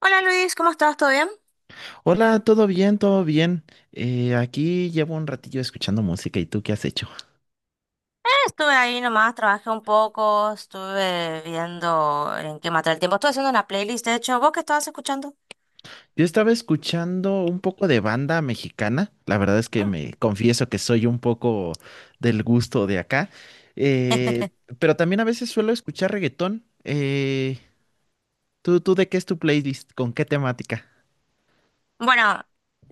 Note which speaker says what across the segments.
Speaker 1: Hola Luis, ¿cómo estás? ¿Todo bien? Eh,
Speaker 2: Hola, ¿todo bien? ¿Todo bien? Aquí llevo un ratillo escuchando música. ¿Y tú qué has hecho?
Speaker 1: estuve ahí nomás, trabajé un poco, estuve viendo en qué matar el tiempo. Estuve haciendo una playlist, de hecho, ¿vos qué estabas escuchando?
Speaker 2: Yo estaba escuchando un poco de banda mexicana. La verdad es que
Speaker 1: Ujú.
Speaker 2: me confieso que soy un poco del gusto de acá, eh, pero también a veces suelo escuchar reggaetón. ¿Tú de qué es tu playlist? ¿Con qué temática?
Speaker 1: Bueno,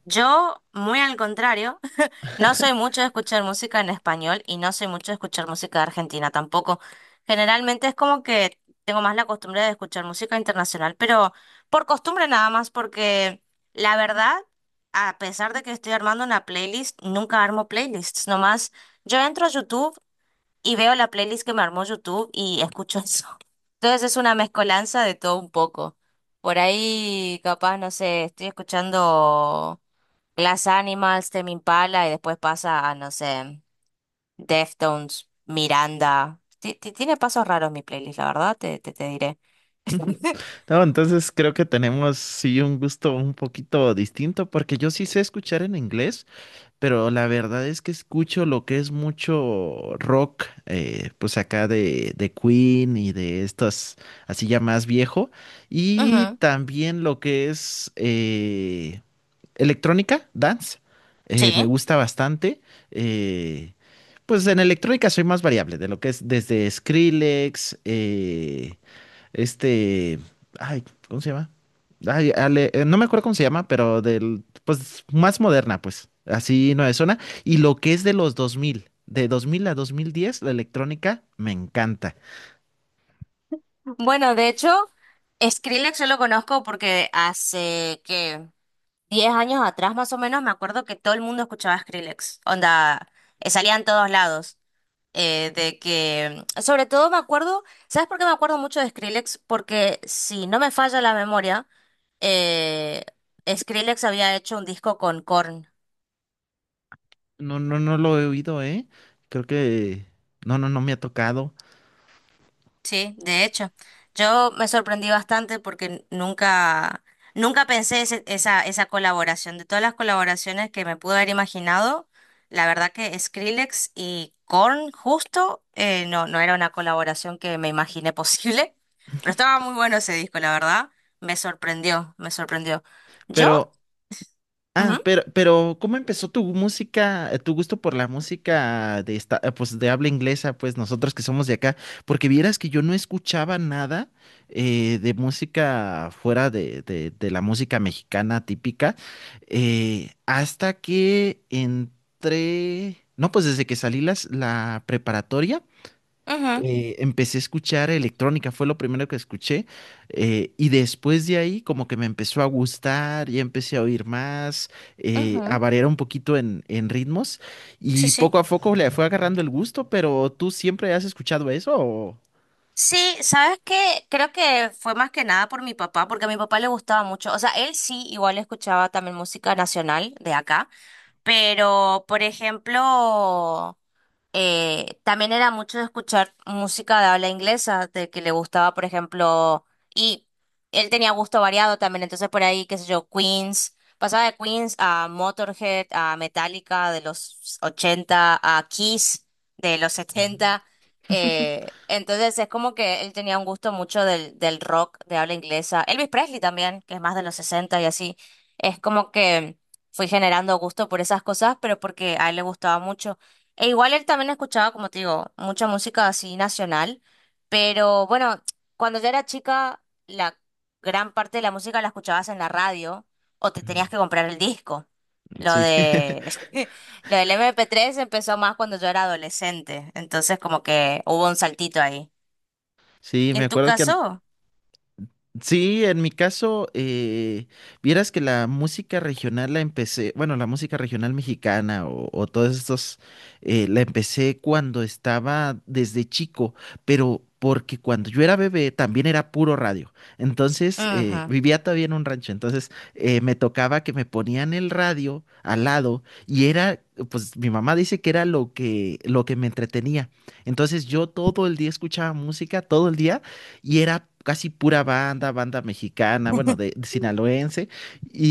Speaker 1: yo, muy al contrario, no soy mucho de escuchar música en español y no soy mucho de escuchar música de Argentina tampoco. Generalmente es como que tengo más la costumbre de escuchar música internacional, pero por costumbre nada más, porque la verdad, a pesar de que estoy armando una playlist, nunca armo playlists, nomás yo entro a YouTube y veo la playlist que me armó YouTube y escucho eso. Entonces es una mezcolanza de todo un poco. Por ahí, capaz, no sé, estoy escuchando Glass Animals, Tame Impala y después pasa a, no sé, Deftones, Miranda. Tiene pasos raros mi playlist, la verdad, te diré.
Speaker 2: No, entonces creo que tenemos sí un gusto un poquito distinto porque yo sí sé escuchar en inglés. Pero la verdad es que escucho lo que es mucho rock, pues acá de Queen y de estas, así ya más viejo, y
Speaker 1: Ujú.
Speaker 2: también lo que es electrónica, dance, me
Speaker 1: Sí.
Speaker 2: gusta bastante. eh, pues en electrónica soy más variable, de lo que es desde Skrillex, este, ay, ¿cómo se llama? Ay, no me acuerdo cómo se llama, pero del, pues, más moderna, pues, así no es zona. Y lo que es de 2000 a 2010 la electrónica, me encanta.
Speaker 1: Bueno, de hecho, Skrillex yo lo conozco porque hace que 10 años atrás, más o menos, me acuerdo que todo el mundo escuchaba Skrillex. Onda, salía en todos lados. De que, sobre todo me acuerdo, ¿sabes por qué me acuerdo mucho de Skrillex? Porque si no me falla la memoria, eh, Skrillex había hecho un disco con Korn,
Speaker 2: No, no, no lo he oído, ¿eh? Creo que, no, no, no me ha tocado.
Speaker 1: sí, de hecho. Yo me sorprendí bastante porque nunca pensé esa colaboración. De todas las colaboraciones que me pude haber imaginado, la verdad que Skrillex y Korn, justo no, no era una colaboración que me imaginé posible, pero estaba muy bueno ese disco, la verdad. Me sorprendió, me sorprendió. Yo.
Speaker 2: Pero Ah,
Speaker 1: Ujú,
Speaker 2: pero ¿cómo empezó tu música, tu gusto por la música de esta, pues de habla inglesa, pues nosotros que somos de acá? Porque vieras que yo no escuchaba nada de música fuera de, de la música mexicana típica, hasta que entré, no, pues desde que salí la preparatoria.
Speaker 1: ujú,
Speaker 2: Empecé a escuchar electrónica, fue lo primero que escuché, y después de ahí como que me empezó a gustar, ya empecé a oír más, a
Speaker 1: ujú.
Speaker 2: variar un poquito en ritmos,
Speaker 1: Sí,
Speaker 2: y
Speaker 1: sí.
Speaker 2: poco a poco le fue agarrando el gusto, pero ¿tú siempre has escuchado eso? ¿O?
Speaker 1: Sí, ¿sabes qué? Creo que fue más que nada por mi papá, porque a mi papá le gustaba mucho. O sea, él sí, igual escuchaba también música nacional de acá, pero, por ejemplo. También era mucho de escuchar música de habla inglesa, de que le gustaba, por ejemplo, y él tenía gusto variado también, entonces por ahí, qué sé yo, Queens, pasaba de Queens a Motorhead, a Metallica de los 80 a Kiss de los
Speaker 2: Mm,
Speaker 1: setenta. Entonces es como que él tenía un gusto mucho del rock de habla inglesa, Elvis Presley también, que es más de los 60 y así, es como que fui generando gusto por esas cosas, pero porque a él le gustaba mucho. E igual él también escuchaba, como te digo, mucha música así nacional, pero bueno, cuando yo era chica, la gran parte de la música la escuchabas en la radio o te
Speaker 2: mm,
Speaker 1: tenías que comprar el disco. Lo
Speaker 2: Sí,
Speaker 1: de lo del MP3 empezó más cuando yo era adolescente, entonces como que hubo un saltito ahí.
Speaker 2: sí, me
Speaker 1: ¿En tu
Speaker 2: acuerdo que.
Speaker 1: caso?
Speaker 2: Sí, en mi caso, vieras que la música regional la empecé, bueno, la música regional mexicana o todos estos, la empecé cuando estaba desde chico, pero porque cuando yo era bebé también era puro radio. Entonces,
Speaker 1: Ujú.
Speaker 2: vivía todavía en un rancho, entonces me tocaba que me ponían el radio al lado y era, pues mi mamá dice que era lo que me entretenía. Entonces yo todo el día escuchaba música, todo el día y era casi pura banda mexicana, bueno, de sinaloense,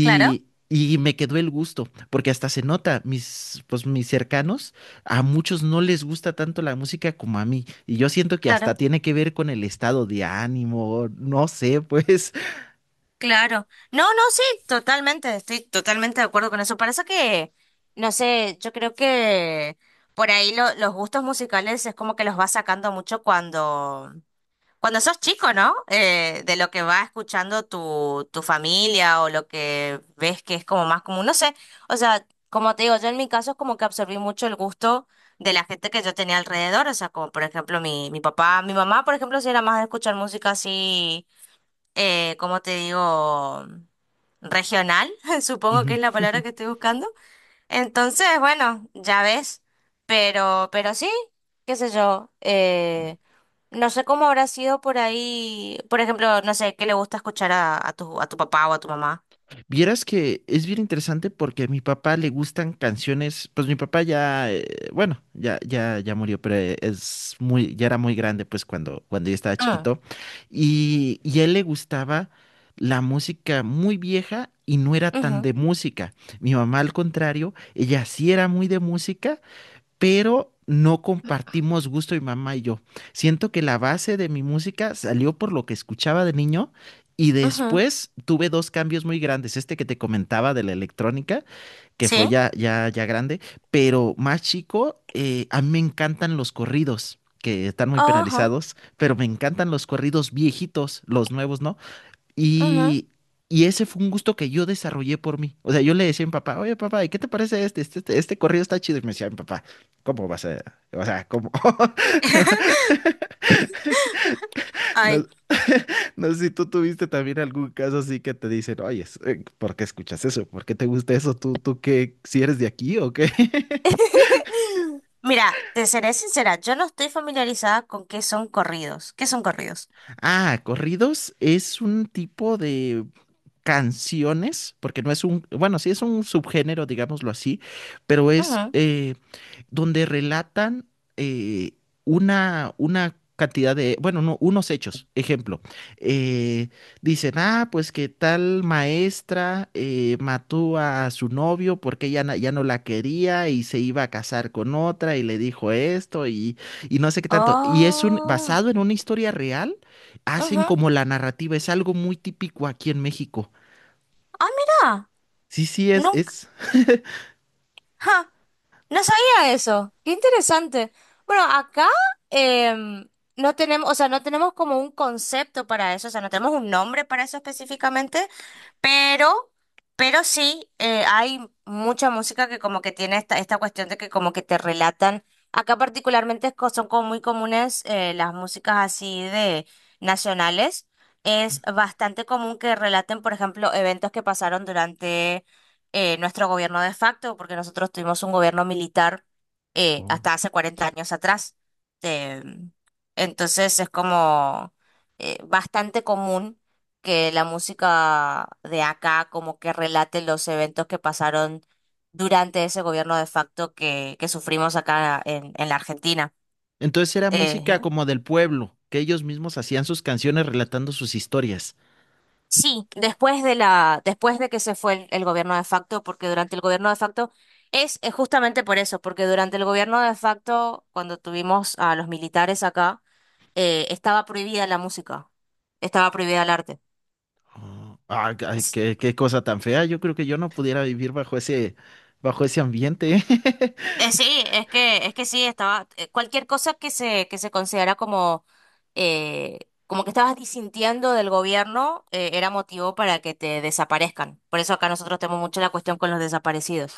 Speaker 1: Claro,
Speaker 2: y me quedó el gusto, porque hasta se nota, pues mis cercanos, a muchos no les gusta tanto la música como a mí, y yo siento que hasta
Speaker 1: claro.
Speaker 2: tiene que ver con el estado de ánimo, no sé, pues.
Speaker 1: Claro. No, no, sí, totalmente, estoy totalmente de acuerdo con eso. Parece que, no sé, yo creo que por ahí los gustos musicales es como que los vas sacando mucho cuando, cuando sos chico, ¿no? De lo que va escuchando tu familia o lo que ves que es como más común, no sé. O sea, como te digo, yo en mi caso es como que absorbí mucho el gusto de la gente que yo tenía alrededor. O sea, como por ejemplo mi papá, mi mamá, por ejemplo, si era más de escuchar música así. ¿Cómo te digo? Regional, supongo que
Speaker 2: Ujú.
Speaker 1: es la palabra que estoy buscando. Entonces, bueno, ya ves, pero sí, qué sé yo, no sé cómo habrá sido por ahí, por ejemplo, no sé, qué le gusta escuchar a, a tu papá o a tu mamá.
Speaker 2: Vieras que es bien interesante porque a mi papá le gustan canciones, pues mi papá ya, bueno, ya, ya, ya murió, pero ya era muy grande pues cuando yo estaba
Speaker 1: Mm,
Speaker 2: chiquito y a él le gustaba la música muy vieja y no era tan
Speaker 1: ujú,
Speaker 2: de música. Mi mamá al contrario, ella sí era muy de música, pero no compartimos gusto mi mamá y yo. Siento que la base de mi música salió por lo que escuchaba de niño y
Speaker 1: ujú.
Speaker 2: después tuve dos cambios muy grandes, este que te comentaba de la electrónica, que fue
Speaker 1: ¿Sí?
Speaker 2: ya ya ya grande, pero más chico, a mí me encantan los corridos que están muy
Speaker 1: Ajá,
Speaker 2: penalizados, pero me encantan los corridos viejitos, los nuevos, ¿no?
Speaker 1: ujú.
Speaker 2: Y, y ese fue un gusto que yo desarrollé por mí. O sea, yo le decía a mi papá, oye, papá, ¿y qué te parece este? Este corrido está chido. Y me decía mi papá, ¿cómo vas a...? O sea, ¿cómo? No,
Speaker 1: Ay.
Speaker 2: no sé si tú tuviste también algún caso así que te dicen, oye, ¿por qué escuchas eso? ¿Por qué te gusta eso? ¿Tú qué? ¿Si eres de aquí o qué?
Speaker 1: Mira, te seré sincera, yo no estoy familiarizada con qué son corridos. ¿Qué son corridos?
Speaker 2: Ah, corridos es un tipo de canciones, porque no es un, bueno, sí es un subgénero, digámoslo así, pero es, donde relatan eh, una cantidad de, bueno, no, unos hechos. Ejemplo, eh, dicen, ah, pues que tal maestra mató a su novio porque ella ya no la quería y se iba a casar con otra y le dijo esto y no sé qué tanto. Y es un,
Speaker 1: Oh.
Speaker 2: basado en una historia real, hacen
Speaker 1: Ujú.
Speaker 2: como la narrativa, es algo muy típico aquí en México.
Speaker 1: Ah, mira.
Speaker 2: Sí, sí, es,
Speaker 1: Nunca.
Speaker 2: es.
Speaker 1: Ja, no sabía eso. Qué interesante. Bueno, acá em, no tenemos, o sea, no tenemos como un concepto para eso, o sea, no tenemos un nombre para eso específicamente, pero, pero sí, hay mucha música que como que tiene esta cuestión de que como que te relatan. Acá particularmente es son como muy comunes las músicas así de nacionales. Es bastante común que relaten, por ejemplo, eventos que pasaron durante nuestro gobierno de facto, porque nosotros tuvimos un gobierno militar
Speaker 2: Oh.
Speaker 1: hasta hace 40 años atrás. Eh, entonces es como bastante común que la música de acá como que relate los eventos que pasaron durante ese gobierno de facto que sufrimos acá en la Argentina.
Speaker 2: Entonces era música
Speaker 1: Eh,
Speaker 2: como del pueblo, que ellos mismos hacían sus canciones relatando sus historias.
Speaker 1: Sí, después después de que se fue el gobierno de facto, porque durante el gobierno de facto es justamente por eso, porque durante el gobierno de facto, cuando tuvimos a los militares acá, estaba prohibida la música, estaba prohibida el arte.
Speaker 2: Oh, ah, ay,
Speaker 1: Es-
Speaker 2: qué cosa tan fea. Yo creo que yo no pudiera vivir bajo bajo ese ambiente.
Speaker 1: sí, es que sí, estaba, cualquier cosa que se considera como, eh, como que estabas disintiendo del gobierno, era motivo para que te desaparezcan. Por eso acá nosotros tenemos mucho la cuestión con los desaparecidos.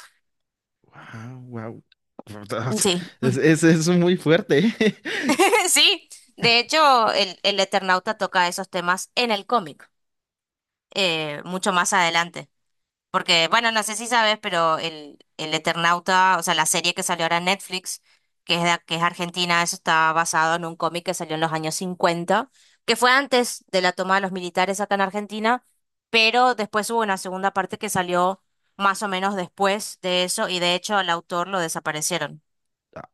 Speaker 2: Wow, wow.
Speaker 1: Sí.
Speaker 2: Es muy fuerte.
Speaker 1: Sí, de hecho, el Eternauta toca esos temas en el cómic, mucho más adelante. Porque, bueno, no sé si sabes, pero el Eternauta, o sea, la serie que salió ahora en Netflix, que es, que es argentina, eso está basado en un cómic que salió en los años cincuenta, que fue antes de la toma de los militares acá en Argentina, pero después hubo una segunda parte que salió más o menos después de eso, y de hecho al autor lo desaparecieron.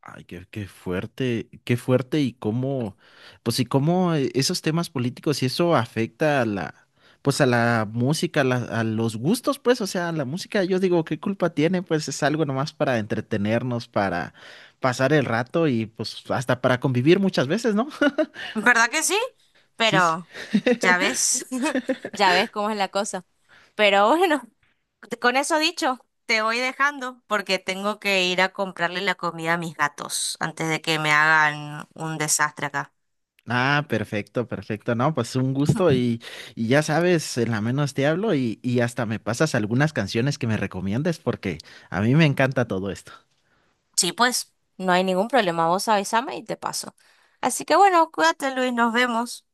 Speaker 2: Ay, qué fuerte, qué fuerte y cómo, pues y cómo esos temas políticos y eso afecta a la, pues a la música, a, a los gustos, pues, o sea, la música, yo digo, ¿qué culpa tiene? Pues es algo nomás para entretenernos, para pasar el rato y pues hasta para convivir muchas veces, ¿no?
Speaker 1: ¿Verdad que sí?
Speaker 2: Sí. Sí.
Speaker 1: Pero ya ves, ya ves cómo es la cosa. Pero bueno, con eso dicho, te voy dejando porque tengo que ir a comprarle la comida a mis gatos antes de que me hagan un desastre acá.
Speaker 2: Ah, perfecto, perfecto. No, pues un gusto y ya sabes, en la menos te hablo y hasta me pasas algunas canciones que me recomiendes porque a mí me encanta todo esto.
Speaker 1: Sí, pues, no hay ningún problema. Vos avísame y te paso. Así que bueno, cuídate, Luis, nos vemos.